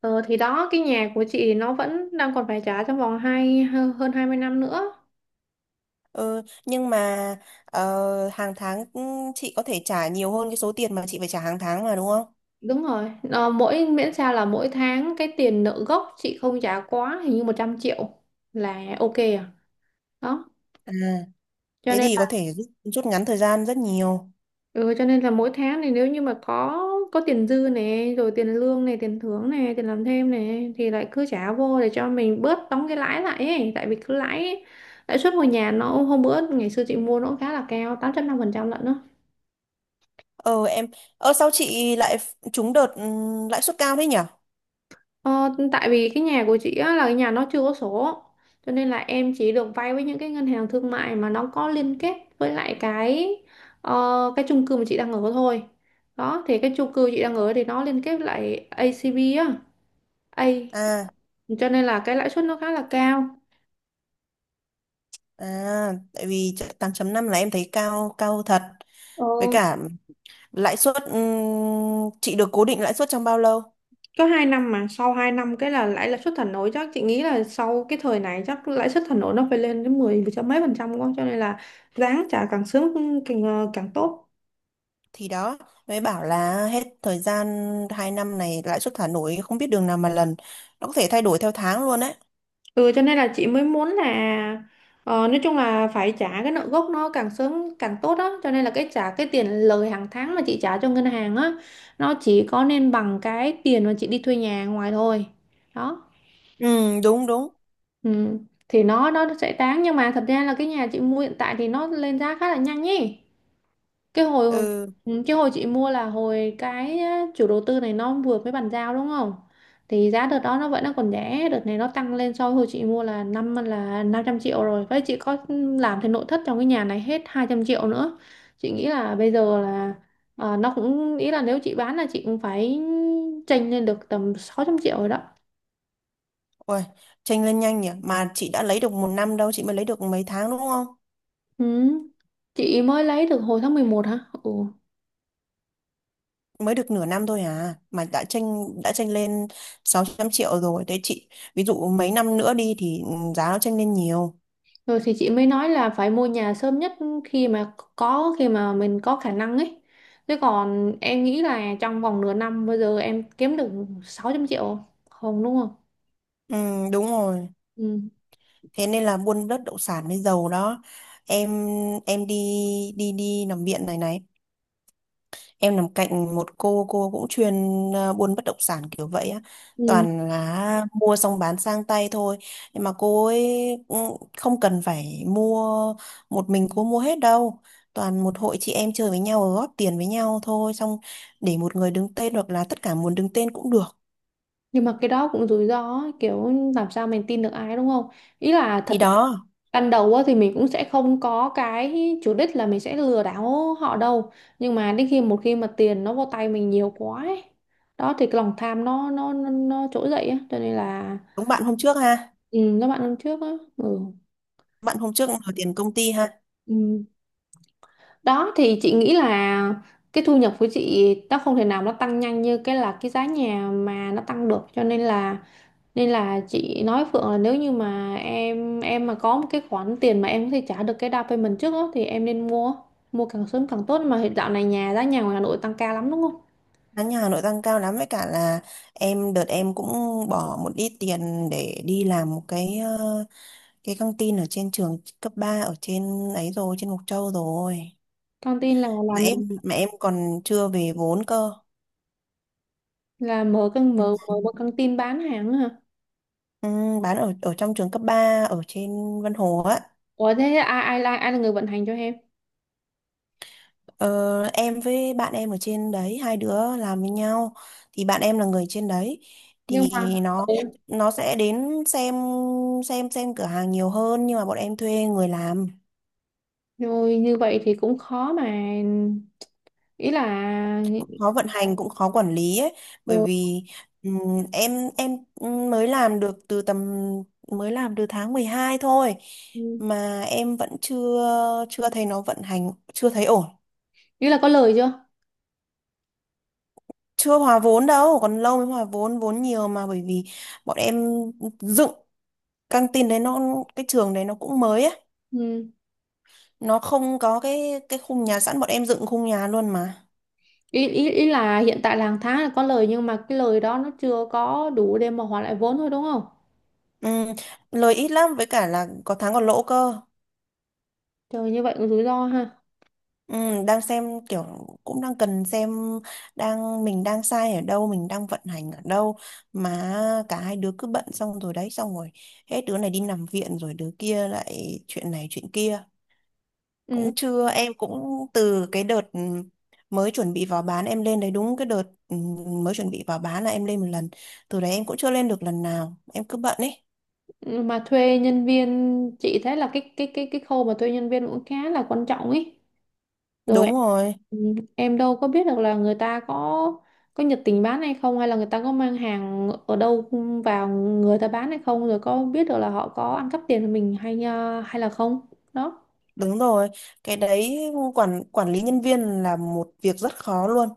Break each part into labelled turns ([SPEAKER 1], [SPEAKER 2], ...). [SPEAKER 1] Ờ, thì đó cái nhà của chị nó vẫn đang còn phải trả trong vòng hơn 20 năm nữa.
[SPEAKER 2] Ừ, nhưng mà hàng tháng chị có thể trả nhiều hơn cái số tiền mà chị phải trả hàng tháng mà đúng không?
[SPEAKER 1] Đúng rồi. Ờ, mỗi miễn sao là mỗi tháng cái tiền nợ gốc chị không trả quá hình như 100 triệu là ok à. Đó.
[SPEAKER 2] À,
[SPEAKER 1] Cho
[SPEAKER 2] thế
[SPEAKER 1] nên
[SPEAKER 2] thì
[SPEAKER 1] là,
[SPEAKER 2] có thể rút ngắn thời gian rất nhiều.
[SPEAKER 1] ừ, cho nên là mỗi tháng thì nếu như mà có tiền dư này rồi tiền lương này, tiền thưởng này, tiền làm thêm này thì lại cứ trả vô để cho mình bớt đóng cái lãi lại ấy, tại vì cứ lãi lãi suất ngôi nhà nó hôm bữa ngày xưa chị mua nó cũng khá là cao, 8,5% lận đó.
[SPEAKER 2] Ờ em, Sao chị lại trúng đợt lãi suất cao thế nhỉ?
[SPEAKER 1] Ờ, tại vì cái nhà của chị á, là cái nhà nó chưa có sổ cho nên là em chỉ được vay với những cái ngân hàng thương mại mà nó có liên kết với lại cái ờ, cái chung cư mà chị đang ở thôi. Đó thì cái chung cư chị đang ở thì nó liên kết với lại ACB á, A,
[SPEAKER 2] À,
[SPEAKER 1] cho nên là cái lãi suất nó khá là cao.
[SPEAKER 2] à, tại vì 8,5 là em thấy cao cao thật.
[SPEAKER 1] Ờ,
[SPEAKER 2] Với cả lãi suất chị được cố định lãi suất trong bao lâu?
[SPEAKER 1] có 2 năm mà sau 2 năm cái là lãi lãi suất thả nổi, chắc chị nghĩ là sau cái thời này chắc lãi suất thả nổi nó phải lên đến 10 mười mấy phần trăm quá, cho nên là ráng trả càng sớm càng càng tốt.
[SPEAKER 2] Thì đó, mới bảo là hết thời gian 2 năm này lãi suất thả nổi không biết đường nào mà lần. Nó có thể thay đổi theo tháng luôn đấy.
[SPEAKER 1] Ừ, cho nên là chị mới muốn là ờ, nói chung là phải trả cái nợ gốc nó càng sớm càng tốt á, cho nên là cái trả cái tiền lời hàng tháng mà chị trả cho ngân hàng á, nó chỉ có nên bằng cái tiền mà chị đi thuê nhà ngoài thôi. Đó,
[SPEAKER 2] Ừ, đúng đúng.
[SPEAKER 1] ừ, thì nó sẽ đáng, nhưng mà thật ra là cái nhà chị mua hiện tại thì nó lên giá khá là nhanh nhỉ. Cái hồi
[SPEAKER 2] Ừ.
[SPEAKER 1] ừ, cái hồi chị mua là hồi cái á, chủ đầu tư này nó vừa mới bàn giao đúng không, thì giá đợt đó nó vẫn còn rẻ, đợt này nó tăng lên so với hồi chị mua là 500 triệu rồi, với chị có làm thì nội thất trong cái nhà này hết 200 triệu nữa. Chị nghĩ là bây giờ là ờ, nó cũng ý là nếu chị bán là chị cũng phải chênh lên được tầm 600 triệu rồi đó.
[SPEAKER 2] Ôi, tranh lên nhanh nhỉ, mà chị đã lấy được một năm đâu, chị mới lấy được mấy tháng đúng không,
[SPEAKER 1] Ừ, chị mới lấy được hồi tháng 11 hả. Ừ.
[SPEAKER 2] mới được nửa năm thôi à mà đã tranh lên 600 triệu rồi. Thế chị, ví dụ mấy năm nữa đi thì giá nó tranh lên nhiều.
[SPEAKER 1] Rồi thì chị mới nói là phải mua nhà sớm nhất khi mà có khi mà mình có khả năng ấy. Thế còn em nghĩ là trong vòng nửa năm bây giờ em kiếm được 600 triệu không, đúng không?
[SPEAKER 2] Ừ, đúng rồi.
[SPEAKER 1] Ừ.
[SPEAKER 2] Thế nên là buôn đất đậu sản mới giàu đó. Em em đi, đi nằm viện này này. Em nằm cạnh một cô cũng chuyên buôn bất động sản kiểu vậy á.
[SPEAKER 1] Ừ.
[SPEAKER 2] Toàn là mua xong bán sang tay thôi. Nhưng mà cô ấy cũng không cần phải mua, một mình cô mua hết đâu. Toàn một hội chị em chơi với nhau rồi góp tiền với nhau thôi. Xong để một người đứng tên, hoặc là tất cả muốn đứng tên cũng được.
[SPEAKER 1] Nhưng mà cái đó cũng rủi ro ấy, kiểu làm sao mình tin được ai đúng không? Ý là thật
[SPEAKER 2] Thì
[SPEAKER 1] ra
[SPEAKER 2] đó,
[SPEAKER 1] ban đầu á, thì mình cũng sẽ không có cái chủ đích là mình sẽ lừa đảo họ đâu. Nhưng mà đến khi một khi mà tiền nó vô tay mình nhiều quá ấy, đó thì cái lòng tham nó trỗi dậy á, cho nên là
[SPEAKER 2] đúng bạn hôm trước ha.
[SPEAKER 1] ừ, các bạn năm trước á, ừ.
[SPEAKER 2] Bạn hôm trước đòi tiền công ty ha.
[SPEAKER 1] Ừ. Đó thì chị nghĩ là cái thu nhập của chị nó không thể nào nó tăng nhanh như cái là cái giá nhà mà nó tăng được, cho nên là chị nói với Phượng là nếu như mà em mà có một cái khoản tiền mà em có thể trả được cái down payment trước á thì em nên mua mua càng sớm càng tốt. Mà hiện dạo này nhà giá nhà ngoài Hà Nội tăng cao lắm đúng không?
[SPEAKER 2] Giá nhà Hà Nội tăng cao lắm, với cả là đợt em cũng bỏ một ít tiền để đi làm một cái căng tin ở trên trường cấp 3 ở trên ấy, rồi trên Mộc Châu rồi,
[SPEAKER 1] Căng tin là
[SPEAKER 2] mà
[SPEAKER 1] làm như
[SPEAKER 2] em còn chưa về vốn cơ.
[SPEAKER 1] là
[SPEAKER 2] Ừ.
[SPEAKER 1] mở một căng tin bán hàng á hả?
[SPEAKER 2] Ừ, bán ở ở trong trường cấp 3 ở trên Vân Hồ á.
[SPEAKER 1] Ủa thế ai ai ai là người vận hành cho em?
[SPEAKER 2] Ờ, em với bạn em ở trên đấy, hai đứa làm với nhau, thì bạn em là người trên đấy,
[SPEAKER 1] Nhưng
[SPEAKER 2] thì
[SPEAKER 1] mà
[SPEAKER 2] nó
[SPEAKER 1] ừ,
[SPEAKER 2] nó sẽ đến xem cửa hàng nhiều hơn, nhưng mà bọn em thuê người làm.
[SPEAKER 1] rồi như vậy thì cũng khó mà, ý là
[SPEAKER 2] Khó vận hành, cũng khó quản lý ấy, bởi vì em mới làm được từ tầm mới làm từ tháng 12 thôi,
[SPEAKER 1] ừ,
[SPEAKER 2] mà em vẫn chưa chưa thấy nó vận hành, chưa thấy ổn.
[SPEAKER 1] ý là có lời chưa?
[SPEAKER 2] Chưa hòa vốn đâu, còn lâu mới hòa vốn. Vốn nhiều mà, bởi vì bọn em dựng căng tin đấy, nó, cái trường đấy nó cũng mới ấy,
[SPEAKER 1] Ừ.
[SPEAKER 2] nó không có cái khung nhà sẵn, bọn em dựng khung nhà luôn mà.
[SPEAKER 1] Ý, ý ý là hiện tại là hàng tháng là có lời nhưng mà cái lời đó nó chưa có đủ để mà hoàn lại vốn thôi đúng không?
[SPEAKER 2] Ừm, Lời ít lắm, với cả là có tháng còn lỗ cơ.
[SPEAKER 1] Trời, như vậy cũng rủi ro ha.
[SPEAKER 2] Ừ, đang xem kiểu, cũng đang cần xem, đang, mình đang sai ở đâu, mình đang vận hành ở đâu, mà cả hai đứa cứ bận, xong rồi đấy xong rồi hết đứa này đi nằm viện rồi đứa kia lại chuyện này chuyện kia. Cũng
[SPEAKER 1] Ừ.
[SPEAKER 2] chưa, em cũng từ cái đợt mới chuẩn bị vào bán em lên đấy đúng cái đợt, ừ, mới chuẩn bị vào bán là em lên một lần, từ đấy em cũng chưa lên được lần nào, em cứ bận ấy.
[SPEAKER 1] Mà thuê nhân viên, chị thấy là cái khâu mà thuê nhân viên cũng khá là quan trọng ý. Rồi,
[SPEAKER 2] Đúng rồi.
[SPEAKER 1] ừ, em đâu có biết được là người ta có nhiệt tình bán hay không, hay là người ta có mang hàng ở đâu vào người ta bán hay không, rồi có biết được là họ có ăn cắp tiền của mình hay hay là không. Đó.
[SPEAKER 2] Đúng rồi, cái đấy, quản quản lý nhân viên là một việc rất khó luôn.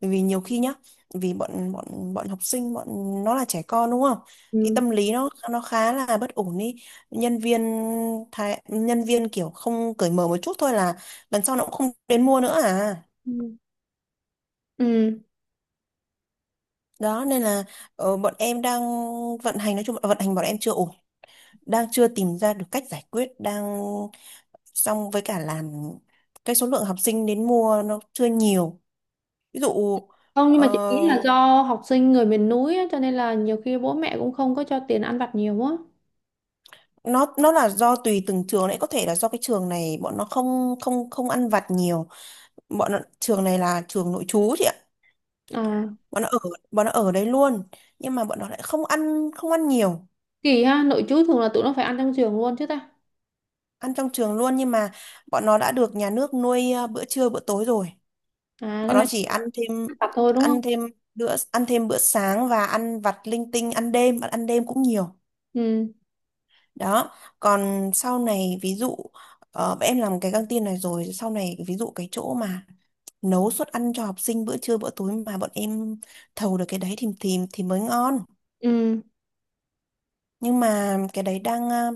[SPEAKER 2] Bởi vì nhiều khi nhá, vì bọn bọn bọn học sinh, bọn nó là trẻ con đúng không, cái
[SPEAKER 1] Ừ.
[SPEAKER 2] tâm lý nó khá là bất ổn đi. Nhân viên thái, nhân viên kiểu không cởi mở một chút thôi là lần sau nó cũng không đến mua nữa à.
[SPEAKER 1] Ừ. Ừ.
[SPEAKER 2] Đó nên là bọn em đang vận hành, nói chung là vận hành bọn em chưa ổn, đang chưa tìm ra được cách giải quyết, đang, xong với cả làm cái số lượng học sinh đến mua nó chưa nhiều. Ví dụ
[SPEAKER 1] Không, nhưng mà chị nghĩ
[SPEAKER 2] ờ,
[SPEAKER 1] là do học sinh người miền núi á, cho nên là nhiều khi bố mẹ cũng không có cho tiền ăn vặt nhiều quá.
[SPEAKER 2] nó là do tùy từng trường đấy, có thể là do cái trường này bọn nó không không không ăn vặt nhiều. Bọn nó, trường này là trường nội trú chị ạ,
[SPEAKER 1] À,
[SPEAKER 2] bọn nó ở bọn nó ở đấy luôn, nhưng mà bọn nó lại không ăn nhiều.
[SPEAKER 1] kỳ ha, nội trú thường là tụi nó phải ăn trong trường luôn chứ ta.
[SPEAKER 2] Ăn trong trường luôn, nhưng mà bọn nó đã được nhà nước nuôi bữa trưa bữa tối rồi,
[SPEAKER 1] À, cái
[SPEAKER 2] bọn nó
[SPEAKER 1] này
[SPEAKER 2] chỉ ăn thêm,
[SPEAKER 1] vặt thôi đúng không.
[SPEAKER 2] ăn thêm bữa sáng và ăn vặt linh tinh, ăn đêm, bọn ăn đêm cũng nhiều.
[SPEAKER 1] Ừ.
[SPEAKER 2] Đó, còn sau này ví dụ em làm cái căng tin này rồi sau này, ví dụ cái chỗ mà nấu suất ăn cho học sinh bữa trưa bữa tối mà bọn em thầu được cái đấy thì mới ngon.
[SPEAKER 1] Ừ.
[SPEAKER 2] Nhưng mà cái đấy đang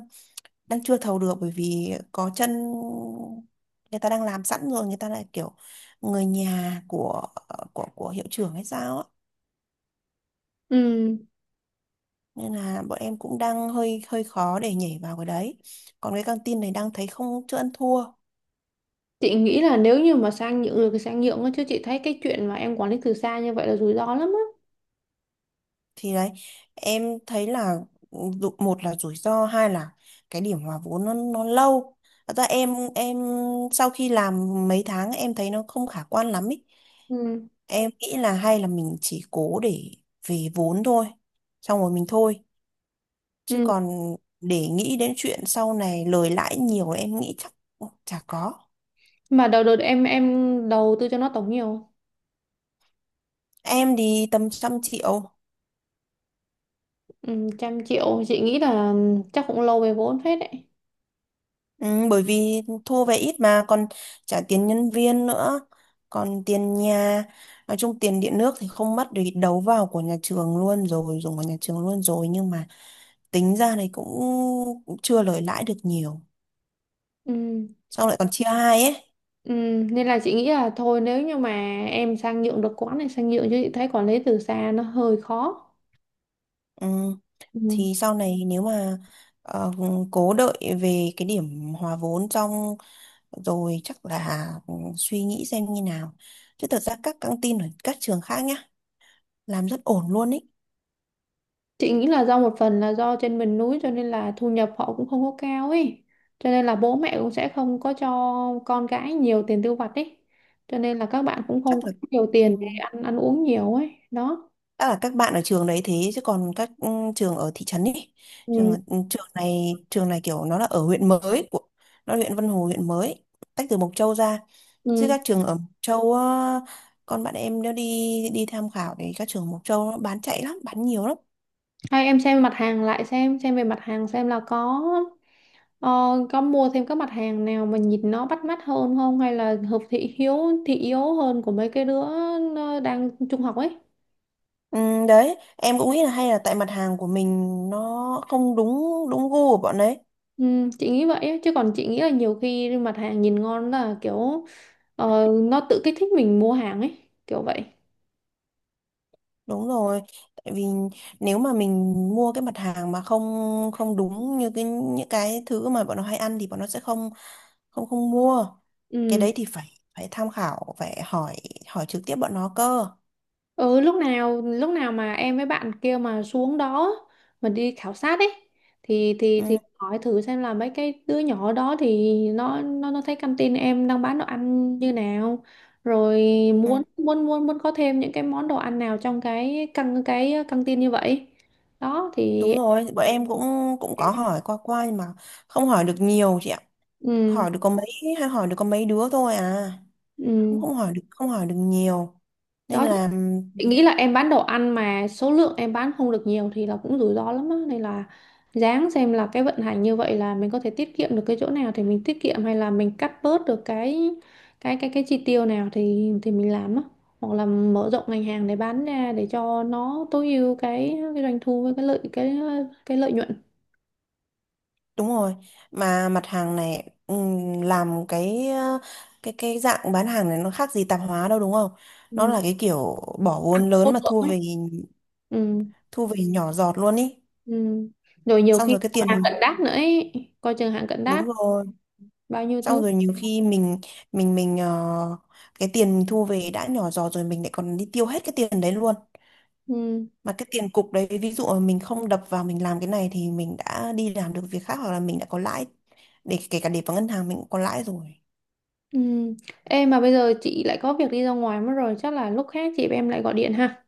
[SPEAKER 2] đang chưa thầu được, bởi vì có chân, người ta đang làm sẵn rồi, người ta lại kiểu người nhà của hiệu trưởng hay sao á,
[SPEAKER 1] Ừ.
[SPEAKER 2] nên là bọn em cũng đang hơi hơi khó để nhảy vào cái đấy. Còn cái căng tin này đang thấy không, chưa ăn thua.
[SPEAKER 1] Chị nghĩ là nếu như mà sang nhượng được thì sang nhượng á, chứ chị thấy cái chuyện mà em quản lý từ xa như vậy là rủi ro lắm á.
[SPEAKER 2] Thì đấy em thấy là một là rủi ro, hai là cái điểm hòa vốn nó lâu. Thật ra em sau khi làm mấy tháng em thấy nó không khả quan lắm ý.
[SPEAKER 1] Ừ.
[SPEAKER 2] Em nghĩ là hay là mình chỉ cố để về vốn thôi, xong rồi mình thôi, chứ
[SPEAKER 1] Ừ.
[SPEAKER 2] còn để nghĩ đến chuyện sau này lời lãi nhiều em nghĩ chắc chả có.
[SPEAKER 1] Mà đầu đợt em đầu tư cho nó tổng nhiều không?
[SPEAKER 2] Em thì tầm 100 triệu.
[SPEAKER 1] Ừ, trăm triệu chị nghĩ là ừ, chắc cũng lâu về vốn phết đấy.
[SPEAKER 2] Ừ, bởi vì thu về ít mà còn trả tiền nhân viên nữa, còn tiền nhà, nói chung tiền điện nước thì không mất vì đấu vào của nhà trường luôn rồi, dùng của nhà trường luôn rồi, nhưng mà tính ra này cũng chưa lời lãi được nhiều,
[SPEAKER 1] Ừ.
[SPEAKER 2] sau lại còn chia hai ấy.
[SPEAKER 1] Ừ. Nên là chị nghĩ là thôi, nếu như mà em sang nhượng được quán này sang nhượng, chứ chị thấy quản lý từ xa nó hơi khó.
[SPEAKER 2] Ừ.
[SPEAKER 1] Ừ.
[SPEAKER 2] Thì sau này nếu mà ờ, cố đợi về cái điểm hòa vốn xong rồi chắc là suy nghĩ xem như nào, chứ thật ra các căng tin ở các trường khác nhá làm rất ổn luôn ý.
[SPEAKER 1] Chị nghĩ là do một phần là do trên miền núi cho nên là thu nhập họ cũng không có cao ấy. Cho nên là bố mẹ cũng sẽ không có cho con cái nhiều tiền tiêu vặt ấy. Cho nên là các bạn cũng không
[SPEAKER 2] chắc
[SPEAKER 1] có
[SPEAKER 2] là
[SPEAKER 1] nhiều
[SPEAKER 2] ừ,
[SPEAKER 1] tiền để ăn ăn uống nhiều ấy. Đó.
[SPEAKER 2] chắc là các bạn ở trường đấy thế, chứ còn các trường ở thị trấn ấy, trường
[SPEAKER 1] Ừ.
[SPEAKER 2] ở- ừ, trường này trường này kiểu nó là ở huyện mới, của, nó là huyện Vân Hồ, huyện mới tách từ Mộc Châu ra, chứ
[SPEAKER 1] Ừ.
[SPEAKER 2] các trường ở Mộc Châu á, con bạn em nó đi đi tham khảo thì các trường Mộc Châu nó bán chạy lắm, bán nhiều lắm.
[SPEAKER 1] Hay em xem mặt hàng lại, xem về mặt hàng, xem là có ờ, có mua thêm các mặt hàng nào mà nhìn nó bắt mắt hơn không, hay là hợp thị hiếu thị yếu hơn của mấy cái đứa ờ, đang trung học ấy.
[SPEAKER 2] ừ, Đấy em cũng nghĩ là hay là tại mặt hàng của mình nó không đúng đúng gu của bọn đấy.
[SPEAKER 1] Ừ, chị nghĩ vậy á. Chứ còn chị nghĩ là nhiều khi mặt hàng nhìn ngon là kiểu ờ, nó tự kích thích mình mua hàng ấy kiểu vậy.
[SPEAKER 2] Đúng rồi, tại vì nếu mà mình mua cái mặt hàng mà không không đúng như những cái thứ mà bọn nó hay ăn thì bọn nó sẽ không không không mua. Cái
[SPEAKER 1] Ừ.
[SPEAKER 2] đấy thì phải phải tham khảo, phải hỏi hỏi trực tiếp bọn nó cơ.
[SPEAKER 1] Ừ, lúc nào mà em với bạn kia mà xuống đó mà đi khảo sát ấy, thì
[SPEAKER 2] Ừ,
[SPEAKER 1] hỏi thử xem là mấy cái đứa nhỏ đó thì nó thấy căng tin em đang bán đồ ăn như nào, rồi muốn
[SPEAKER 2] ừ,
[SPEAKER 1] muốn muốn muốn có thêm những cái món đồ ăn nào trong cái căng tin như vậy. Đó thì
[SPEAKER 2] đúng rồi, bọn em cũng cũng có hỏi qua qua nhưng mà không hỏi được nhiều chị ạ.
[SPEAKER 1] ừ,
[SPEAKER 2] Hỏi được có mấy Hỏi được có mấy đứa thôi à. Cũng
[SPEAKER 1] ừ.
[SPEAKER 2] không hỏi được nhiều. Nên
[SPEAKER 1] Đó.
[SPEAKER 2] là,
[SPEAKER 1] Chị nghĩ là em bán đồ ăn mà số lượng em bán không được nhiều thì là cũng rủi ro lắm á, nên là ráng xem là cái vận hành như vậy là mình có thể tiết kiệm được cái chỗ nào thì mình tiết kiệm, hay là mình cắt bớt được cái chi tiêu nào thì mình làm á, hoặc là mở rộng ngành hàng để bán ra để cho nó tối ưu cái doanh thu với cái lợi nhuận.
[SPEAKER 2] đúng rồi, mà mặt hàng này làm cái cái dạng bán hàng này nó khác gì tạp hóa đâu đúng không? Nó
[SPEAKER 1] Ừ.
[SPEAKER 2] là cái kiểu bỏ
[SPEAKER 1] À,
[SPEAKER 2] vốn
[SPEAKER 1] số
[SPEAKER 2] lớn mà
[SPEAKER 1] lượng ấy. Ừ.
[SPEAKER 2] thu về nhỏ giọt luôn ý.
[SPEAKER 1] Ừ. Rồi nhiều
[SPEAKER 2] Xong
[SPEAKER 1] khi
[SPEAKER 2] rồi cái
[SPEAKER 1] còn
[SPEAKER 2] tiền
[SPEAKER 1] hàng cận
[SPEAKER 2] mình,
[SPEAKER 1] đát nữa ấy. Coi chừng hàng cận
[SPEAKER 2] đúng
[SPEAKER 1] đát,
[SPEAKER 2] rồi,
[SPEAKER 1] bao nhiêu
[SPEAKER 2] xong
[SPEAKER 1] thứ.
[SPEAKER 2] rồi nhiều khi mình mình mình ờ, cái tiền mình thu về đã nhỏ giọt rồi, mình lại còn đi tiêu hết cái tiền đấy luôn.
[SPEAKER 1] Ừ.
[SPEAKER 2] Mà cái tiền cục đấy, ví dụ mà mình không đập vào mình làm cái này thì mình đã đi làm được việc khác, hoặc là mình đã có lãi, để kể cả để vào ngân hàng mình cũng có lãi rồi.
[SPEAKER 1] Ừ. Ê, mà bây giờ chị lại có việc đi ra ngoài mất rồi, chắc là lúc khác chị em lại gọi điện ha.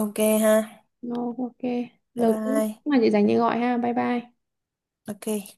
[SPEAKER 2] Ok ha.
[SPEAKER 1] No, ok.
[SPEAKER 2] Bye
[SPEAKER 1] Lâu chứ
[SPEAKER 2] bye.
[SPEAKER 1] mà chị dành chị gọi ha. Bye bye.
[SPEAKER 2] Ok.